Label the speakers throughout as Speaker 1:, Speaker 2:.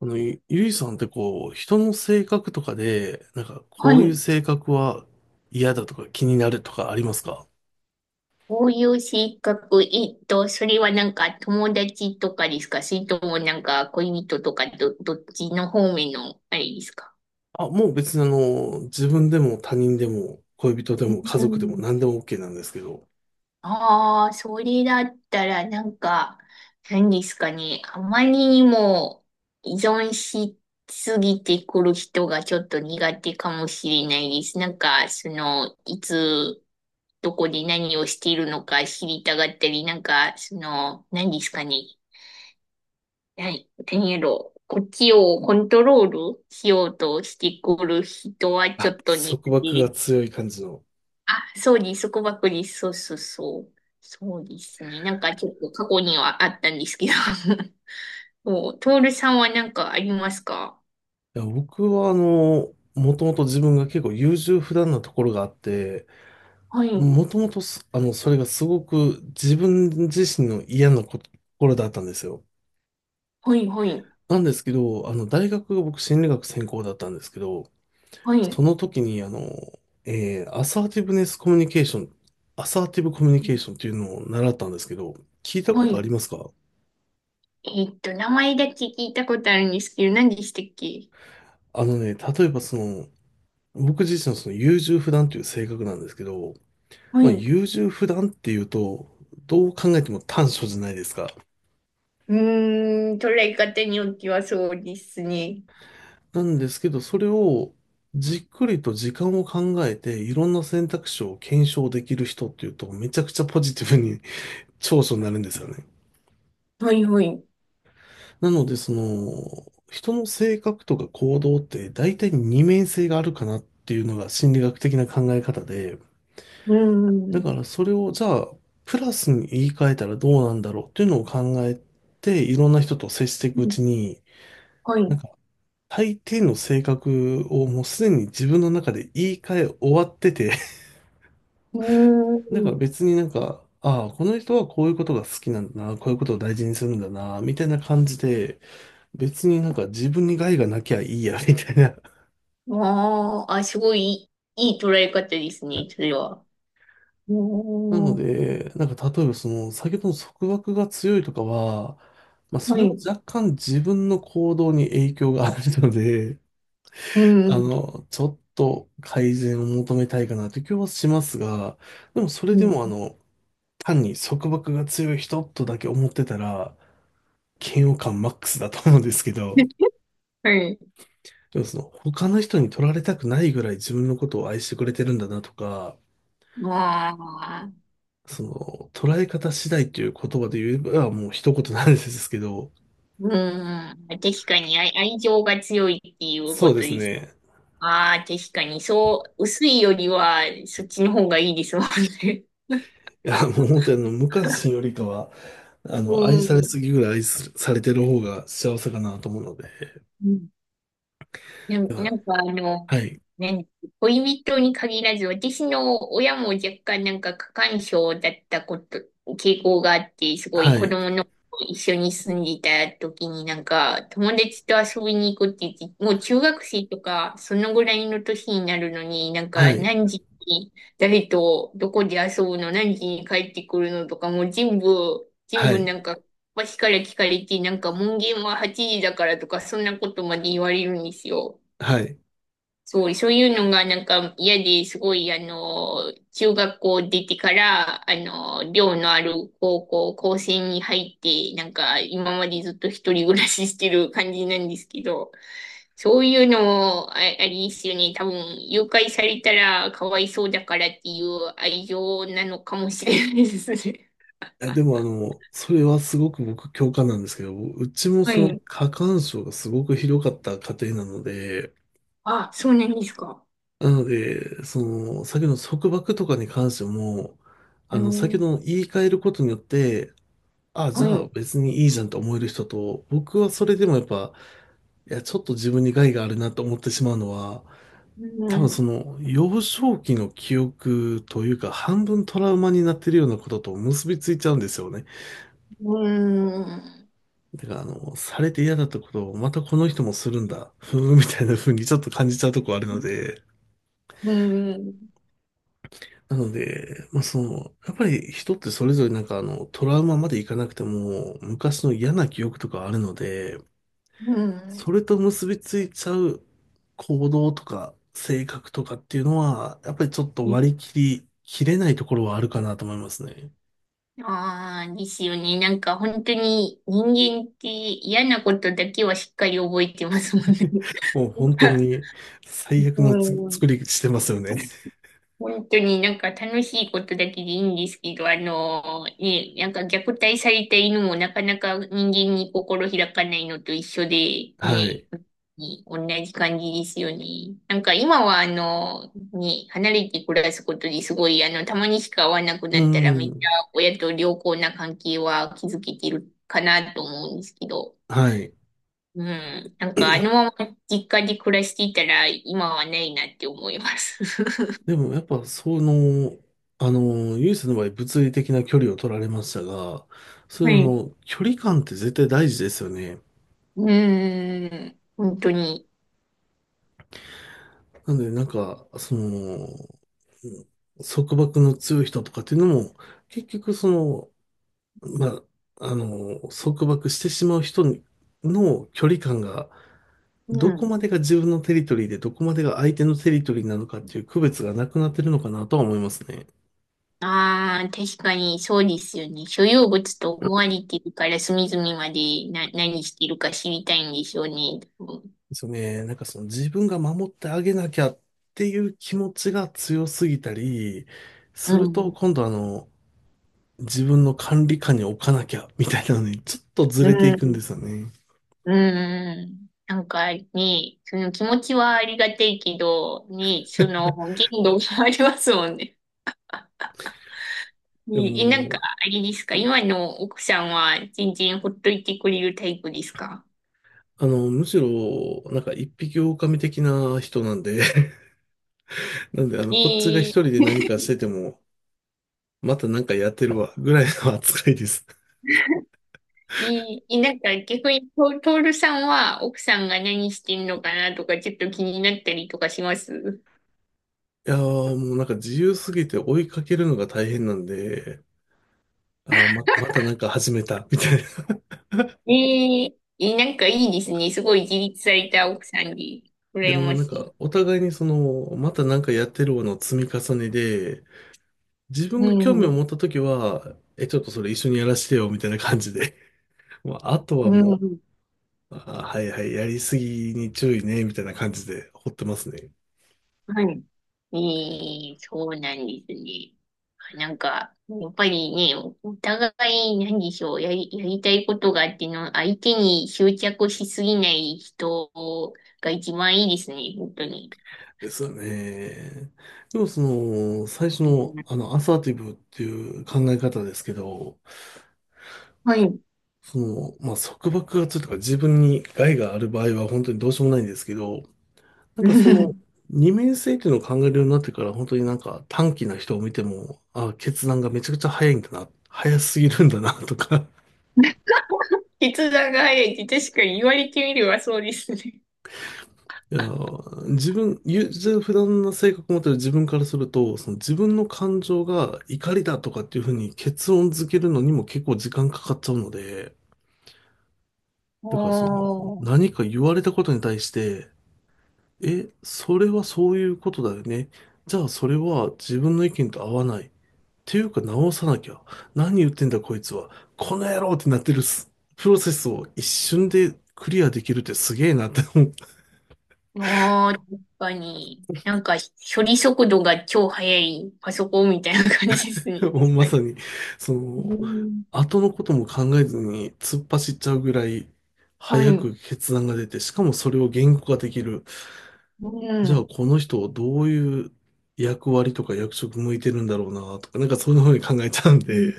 Speaker 1: ゆゆいさんってこう、人の性格とかで、なんか
Speaker 2: は
Speaker 1: こういう
Speaker 2: い。
Speaker 1: 性格は嫌だとか気になるとかありますか？
Speaker 2: こういう性格、それはなんか友達とかですか？それともなんか恋人とかどっちの方面のあれですか？
Speaker 1: あ、もう別に自分でも他人でも恋人で
Speaker 2: う
Speaker 1: も家族でも
Speaker 2: ん。
Speaker 1: 何でも OK なんですけど、
Speaker 2: ああ、それだったらなんか、何ですかね。あまりにも依存しすぎてくる人がちょっと苦手かもしれないです。なんか、その、いつ、どこで何をしているのか知りたがったり、なんか、その、何ですかね。はい。テニエロ、こっちをコントロールしようとしてくる人はちょ
Speaker 1: あ、
Speaker 2: っと苦
Speaker 1: 束
Speaker 2: 手
Speaker 1: 縛が
Speaker 2: です。
Speaker 1: 強い感じの。
Speaker 2: あ、そうです。束縛です。そうそうそう。そうですね。なんかちょっと過去にはあったんですけど。もう、トールさんは何かありますか？
Speaker 1: いや、僕はもともと自分が結構優柔不断なところがあって、
Speaker 2: はい。
Speaker 1: もともとすあの、それがすごく自分自身の嫌なところだったんですよ。
Speaker 2: はい、はい。
Speaker 1: なんですけど、あの、大学が僕心理学専攻だったんですけど、
Speaker 2: は
Speaker 1: そ
Speaker 2: い。
Speaker 1: の時に、アサーティブネスコミュニケーション、アサーティブコミュニケーションっていうのを習ったんですけど、聞いたこ
Speaker 2: は
Speaker 1: とあ
Speaker 2: い。
Speaker 1: りますか？
Speaker 2: 名前だけ聞いたことあるんですけど、何でしたっけ？
Speaker 1: あのね、例えばその、僕自身のその優柔不断という性格なんですけど、
Speaker 2: は
Speaker 1: ま
Speaker 2: い。
Speaker 1: あ
Speaker 2: う
Speaker 1: 優柔不断っていうと、どう考えても短所じゃないですか。
Speaker 2: ーん、捉え方によってはそうですね。
Speaker 1: なんですけど、それをじっくりと時間を考えて、いろんな選択肢を検証できる人っていうと、めちゃくちゃポジティブに長所になるんですよね。
Speaker 2: はい、はい。う
Speaker 1: なので、その、人の性格とか行動って大体二面性があるかなっていうのが心理学的な考え方で、
Speaker 2: ー
Speaker 1: だか
Speaker 2: ん。
Speaker 1: らそれをじゃあ、プラスに言い換えたらどうなんだろうっていうのを考えて、いろんな人と接していくうちに、
Speaker 2: はい。
Speaker 1: なん
Speaker 2: う
Speaker 1: か、大抵の性格をもうすでに自分の中で言い換え終わってて、
Speaker 2: ー
Speaker 1: なんか
Speaker 2: ん。
Speaker 1: 別になんか、ああ、この人はこういうことが好きなんだな、こういうことを大事にするんだな、みたいな感じで、別になんか自分に害がなきゃいいや、みたいな。
Speaker 2: ああ、あ、すごいいい、いい捉え方ですね、それは。う
Speaker 1: なの
Speaker 2: ーん。
Speaker 1: で、なんか例えばその先ほどの束縛が強いとかは、まあ、そ
Speaker 2: は
Speaker 1: れは
Speaker 2: い。
Speaker 1: 若干自分の行動に影響があるので、
Speaker 2: う
Speaker 1: あ
Speaker 2: ん。
Speaker 1: の、ちょっと改善を求めたいかなという気はしますが、でもそれ
Speaker 2: う
Speaker 1: で
Speaker 2: ん。
Speaker 1: もあの、単に束縛が強い人とだけ思ってたら、嫌悪感マックスだと思うんですけど、
Speaker 2: はい。
Speaker 1: でもその他の人に取られたくないぐらい自分のことを愛してくれてるんだなとか、
Speaker 2: まあ、
Speaker 1: その捉え方次第っていう言葉で言えばもう一言なんですけど、
Speaker 2: うーん。確かに愛情が強いっていう
Speaker 1: そ
Speaker 2: こ
Speaker 1: う
Speaker 2: と
Speaker 1: です
Speaker 2: です。
Speaker 1: ね。
Speaker 2: ああ、確かに、そう、薄いよりは、そっちの方がいいですもんね。
Speaker 1: いや、もう本当にあの、無関心よりかは、あ の、
Speaker 2: う
Speaker 1: 愛されす
Speaker 2: ん。
Speaker 1: ぎぐらい愛するされてる方が幸せかなと思うので。
Speaker 2: うん。
Speaker 1: で
Speaker 2: な
Speaker 1: は、
Speaker 2: んかあの、
Speaker 1: はい、
Speaker 2: ね、恋人に限らず、私の親も若干なんか過干渉だったこと、傾向があって、すごい
Speaker 1: は
Speaker 2: 子
Speaker 1: い、
Speaker 2: 供の頃一緒に住んでいた時になんか友達と遊びに行くって言って、もう中学生とかそのぐらいの年になるのになん
Speaker 1: は
Speaker 2: か
Speaker 1: い、
Speaker 2: 何時に誰とどこで遊ぶの、何時に帰ってくるのとかもう全
Speaker 1: は
Speaker 2: 部
Speaker 1: い、
Speaker 2: なんか私から聞かれて、なんか門限は8時だからとかそんなことまで言われるんですよ。
Speaker 1: はい。
Speaker 2: そう、そういうのがなんか嫌ですごい、あの、中学校出てから、あの、寮のある高校、高専に入って、なんか今までずっと一人暮らししてる感じなんですけど、そういうのもあ、あれですよね。多分、誘拐されたらかわいそうだからっていう愛情なのかもしれないですね。
Speaker 1: え、でもあの、それはすごく僕共感なんですけど、うちも
Speaker 2: は
Speaker 1: その
Speaker 2: い。
Speaker 1: 過干渉がすごくひどかった家庭なので、
Speaker 2: あ、そうなんですか？
Speaker 1: なので、その、先の束縛とかに関しても、あ
Speaker 2: う
Speaker 1: の、先
Speaker 2: ん。
Speaker 1: の言い換えることによって、あ、じ
Speaker 2: は
Speaker 1: ゃ
Speaker 2: い。
Speaker 1: あ
Speaker 2: う
Speaker 1: 別にいいじゃんと思える人と、僕はそれでもやっぱ、いや、ちょっと自分に害があるなと思ってしまうのは、多分そ
Speaker 2: ん。
Speaker 1: の幼少期の記憶というか半分トラウマになってるようなことと結びついちゃうんですよね。
Speaker 2: うん。
Speaker 1: だからあの、されて嫌だったことをまたこの人もするんだ、ふーんみたいな風にちょっと感じちゃうとこあるので、
Speaker 2: うん。
Speaker 1: なので、まあその、やっぱり人ってそれぞれなんかあの、トラウマまでいかなくても昔の嫌な記憶とかあるので、
Speaker 2: う
Speaker 1: そ
Speaker 2: ん。
Speaker 1: れと結びついちゃう行動とか性格とかっていうのは、やっぱりちょっと割り切り切れないところはあるかなと思いますね。
Speaker 2: ああー、ですよね。なんか本当に人間って嫌なことだけはしっかり覚えてますもんね。
Speaker 1: もう本当に
Speaker 2: う
Speaker 1: 最悪の
Speaker 2: ん。
Speaker 1: 作りしてますよね。
Speaker 2: 本当になんか楽しいことだけでいいんですけど、あのね、なんか虐待された犬もなかなか人間に心開かないのと一緒で、
Speaker 1: は
Speaker 2: ね、
Speaker 1: い。
Speaker 2: 同じ感じですよね。なんか今はあの、ね、離れて暮らすことですごい、あの、たまにしか会わなく
Speaker 1: う
Speaker 2: なったらめっち
Speaker 1: ん。
Speaker 2: ゃ親と良好な関係は築けてるかなと思うんですけど、
Speaker 1: はい。
Speaker 2: うん。なんかあのまま実家で暮らしていたら今はないなって思います。
Speaker 1: でもやっぱその、あの、ユースの場合物理的な距離を取られましたが、そう
Speaker 2: は
Speaker 1: いうあ
Speaker 2: い。
Speaker 1: の、距離感って絶対大事ですよね。
Speaker 2: うーん、本当に。
Speaker 1: なので、なんか、その、束縛の強い人とかっていうのも、結局その、まあ、あの、束縛してしまう人の距離感が、
Speaker 2: う
Speaker 1: どこ
Speaker 2: ん。
Speaker 1: までが自分のテリトリーで、どこまでが相手のテリトリーなのかっていう区別がなくなってるのかなとは思いますね。
Speaker 2: ああ、確かにそうですよね。所有物と思われてるから隅々までな、何してるか知りたいんでしょうね。う
Speaker 1: ですよね。なんかその自分が守ってあげなきゃっていう気持ちが強すぎたりすると、
Speaker 2: ん。
Speaker 1: 今度あの、自分の管理下に置かなきゃ、みたいなのに、ちょっとず
Speaker 2: う
Speaker 1: れていくんで
Speaker 2: ん。
Speaker 1: すよね。
Speaker 2: うん。なんかね、その気持ちはありがたいけど、ね、その限度がありますもんね。
Speaker 1: で
Speaker 2: ね、え、なんか、
Speaker 1: も、
Speaker 2: あれですか？今の奥さんは全然ほっといてくれるタイプですか？
Speaker 1: あの、むしろ、なんか一匹狼的な人なんで、なんで、あの、こっちが一
Speaker 2: え
Speaker 1: 人
Speaker 2: ー、
Speaker 1: で何かしてても、またなんかやってるわ、ぐらいの扱いです。
Speaker 2: いい。なんか逆にトールさんは奥さんが何してんのかなとかちょっと気になったりとかします？
Speaker 1: いやー、もうなんか自由すぎて追いかけるのが大変なんで、あー、ま、またなんか始めた、みたいな。
Speaker 2: えええ、なんかいいですね。すごい自立された奥さんで、
Speaker 1: で
Speaker 2: 羨
Speaker 1: も
Speaker 2: ま
Speaker 1: なん
Speaker 2: し
Speaker 1: か、
Speaker 2: い。
Speaker 1: お互いにその、またなんかやってるわの積み重ねで、自分
Speaker 2: う
Speaker 1: が興味を
Speaker 2: ん、
Speaker 1: 持ったときは、え、ちょっとそれ一緒にやらせてよ、みたいな感じで。まああと
Speaker 2: う
Speaker 1: はも
Speaker 2: ん、
Speaker 1: う、あ、はいはい、やりすぎに注意ね、みたいな感じで放ってますね。
Speaker 2: はい。ええ、そうなんですね。なんか、やっぱりね、おお互い、何でしょう、やりたいことがあっての、相手に執着しすぎない人が一番いいですね、本当に。
Speaker 1: ですよね。でもその、最初
Speaker 2: うん。
Speaker 1: の、あの、アサーティブっていう考え方ですけど、
Speaker 2: はい。
Speaker 1: その、まあ、束縛がつるとか自分に害がある場合は本当にどうしようもないんですけど、なんかそ
Speaker 2: 筆
Speaker 1: の二面性っていうのを考えるようになってから、本当になんか短気な人を見ても、あ、決断がめちゃくちゃ早いんだな、早すぎるんだな とか。
Speaker 2: 談が早いって確かに言われてみればそうですね。
Speaker 1: いや、自分、普段の性格を持ってる自分からすると、その自分の感情が怒りだとかっていうふうに結論付けるのにも結構時間かかっちゃうので、だからその
Speaker 2: おー、
Speaker 1: 何か言われたことに対して、え、それはそういうことだよね。じゃあそれは自分の意見と合わない。ていうか直さなきゃ。何言ってんだこいつは。この野郎ってなってるプロセスを一瞬でクリアできるってすげえなって思っ
Speaker 2: あー、確かに。なんか、処理速度が超速いパソコンみたいな感じです
Speaker 1: て、
Speaker 2: ね。
Speaker 1: もう
Speaker 2: 確
Speaker 1: ま
Speaker 2: かに。
Speaker 1: さに、そ
Speaker 2: う
Speaker 1: の、
Speaker 2: ん、
Speaker 1: 後のことも考えずに突っ走っちゃうぐらい
Speaker 2: は
Speaker 1: 早
Speaker 2: い。
Speaker 1: く決断が出て、しかもそれを言語化できる。
Speaker 2: う
Speaker 1: じゃあ
Speaker 2: ん。
Speaker 1: この人をどういう役割とか役職向いてるんだろうなとか、なんかそういうふうに考えちゃうんで、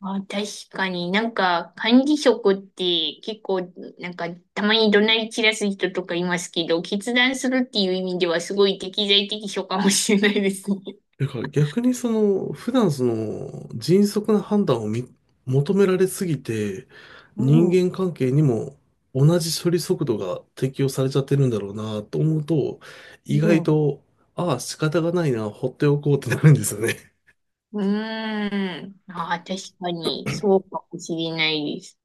Speaker 2: あ、確かになんか、管理職って結構、なんか、たまに怒鳴り散らす人とかいますけど、決断するっていう意味ではすごい適材適所かもしれないですね。
Speaker 1: だから逆にその、普段その、迅速な判断を求められすぎて、
Speaker 2: う
Speaker 1: 人
Speaker 2: ん、
Speaker 1: 間関係にも同じ処理速度が適用されちゃってるんだろうなと思うと、意
Speaker 2: う
Speaker 1: 外
Speaker 2: ん。
Speaker 1: と、ああ、仕方がないな、放っておこうってなるんですよね。
Speaker 2: うーん。ああ、確かに、そうかもしれないです。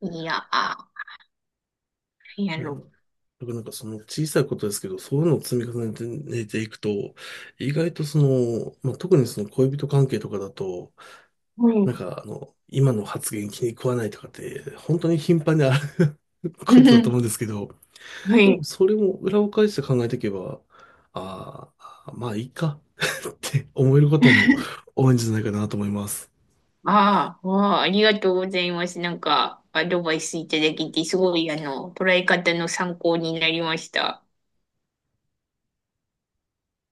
Speaker 2: いや、あ、な
Speaker 1: い
Speaker 2: んや
Speaker 1: や、だか
Speaker 2: ろ。
Speaker 1: らなんかその小さいことですけど、そういうのを積み重ねてていくと、意外とその、まあ、特にその恋人関係とかだと、
Speaker 2: は
Speaker 1: な
Speaker 2: い。
Speaker 1: んかあの、今の発言気に食わないとかって、本当に頻繁にある
Speaker 2: う
Speaker 1: ことだと
Speaker 2: ん。
Speaker 1: 思うんですけど、
Speaker 2: は
Speaker 1: でも
Speaker 2: い。
Speaker 1: それも裏を返して考えていけば、ああ、まあいいか って思えることも多いんじゃないかなと思います。
Speaker 2: ああ、わあ、ありがとうございます。なんか、アドバイスいただけて、すごい、あの、捉え方の参考になりました。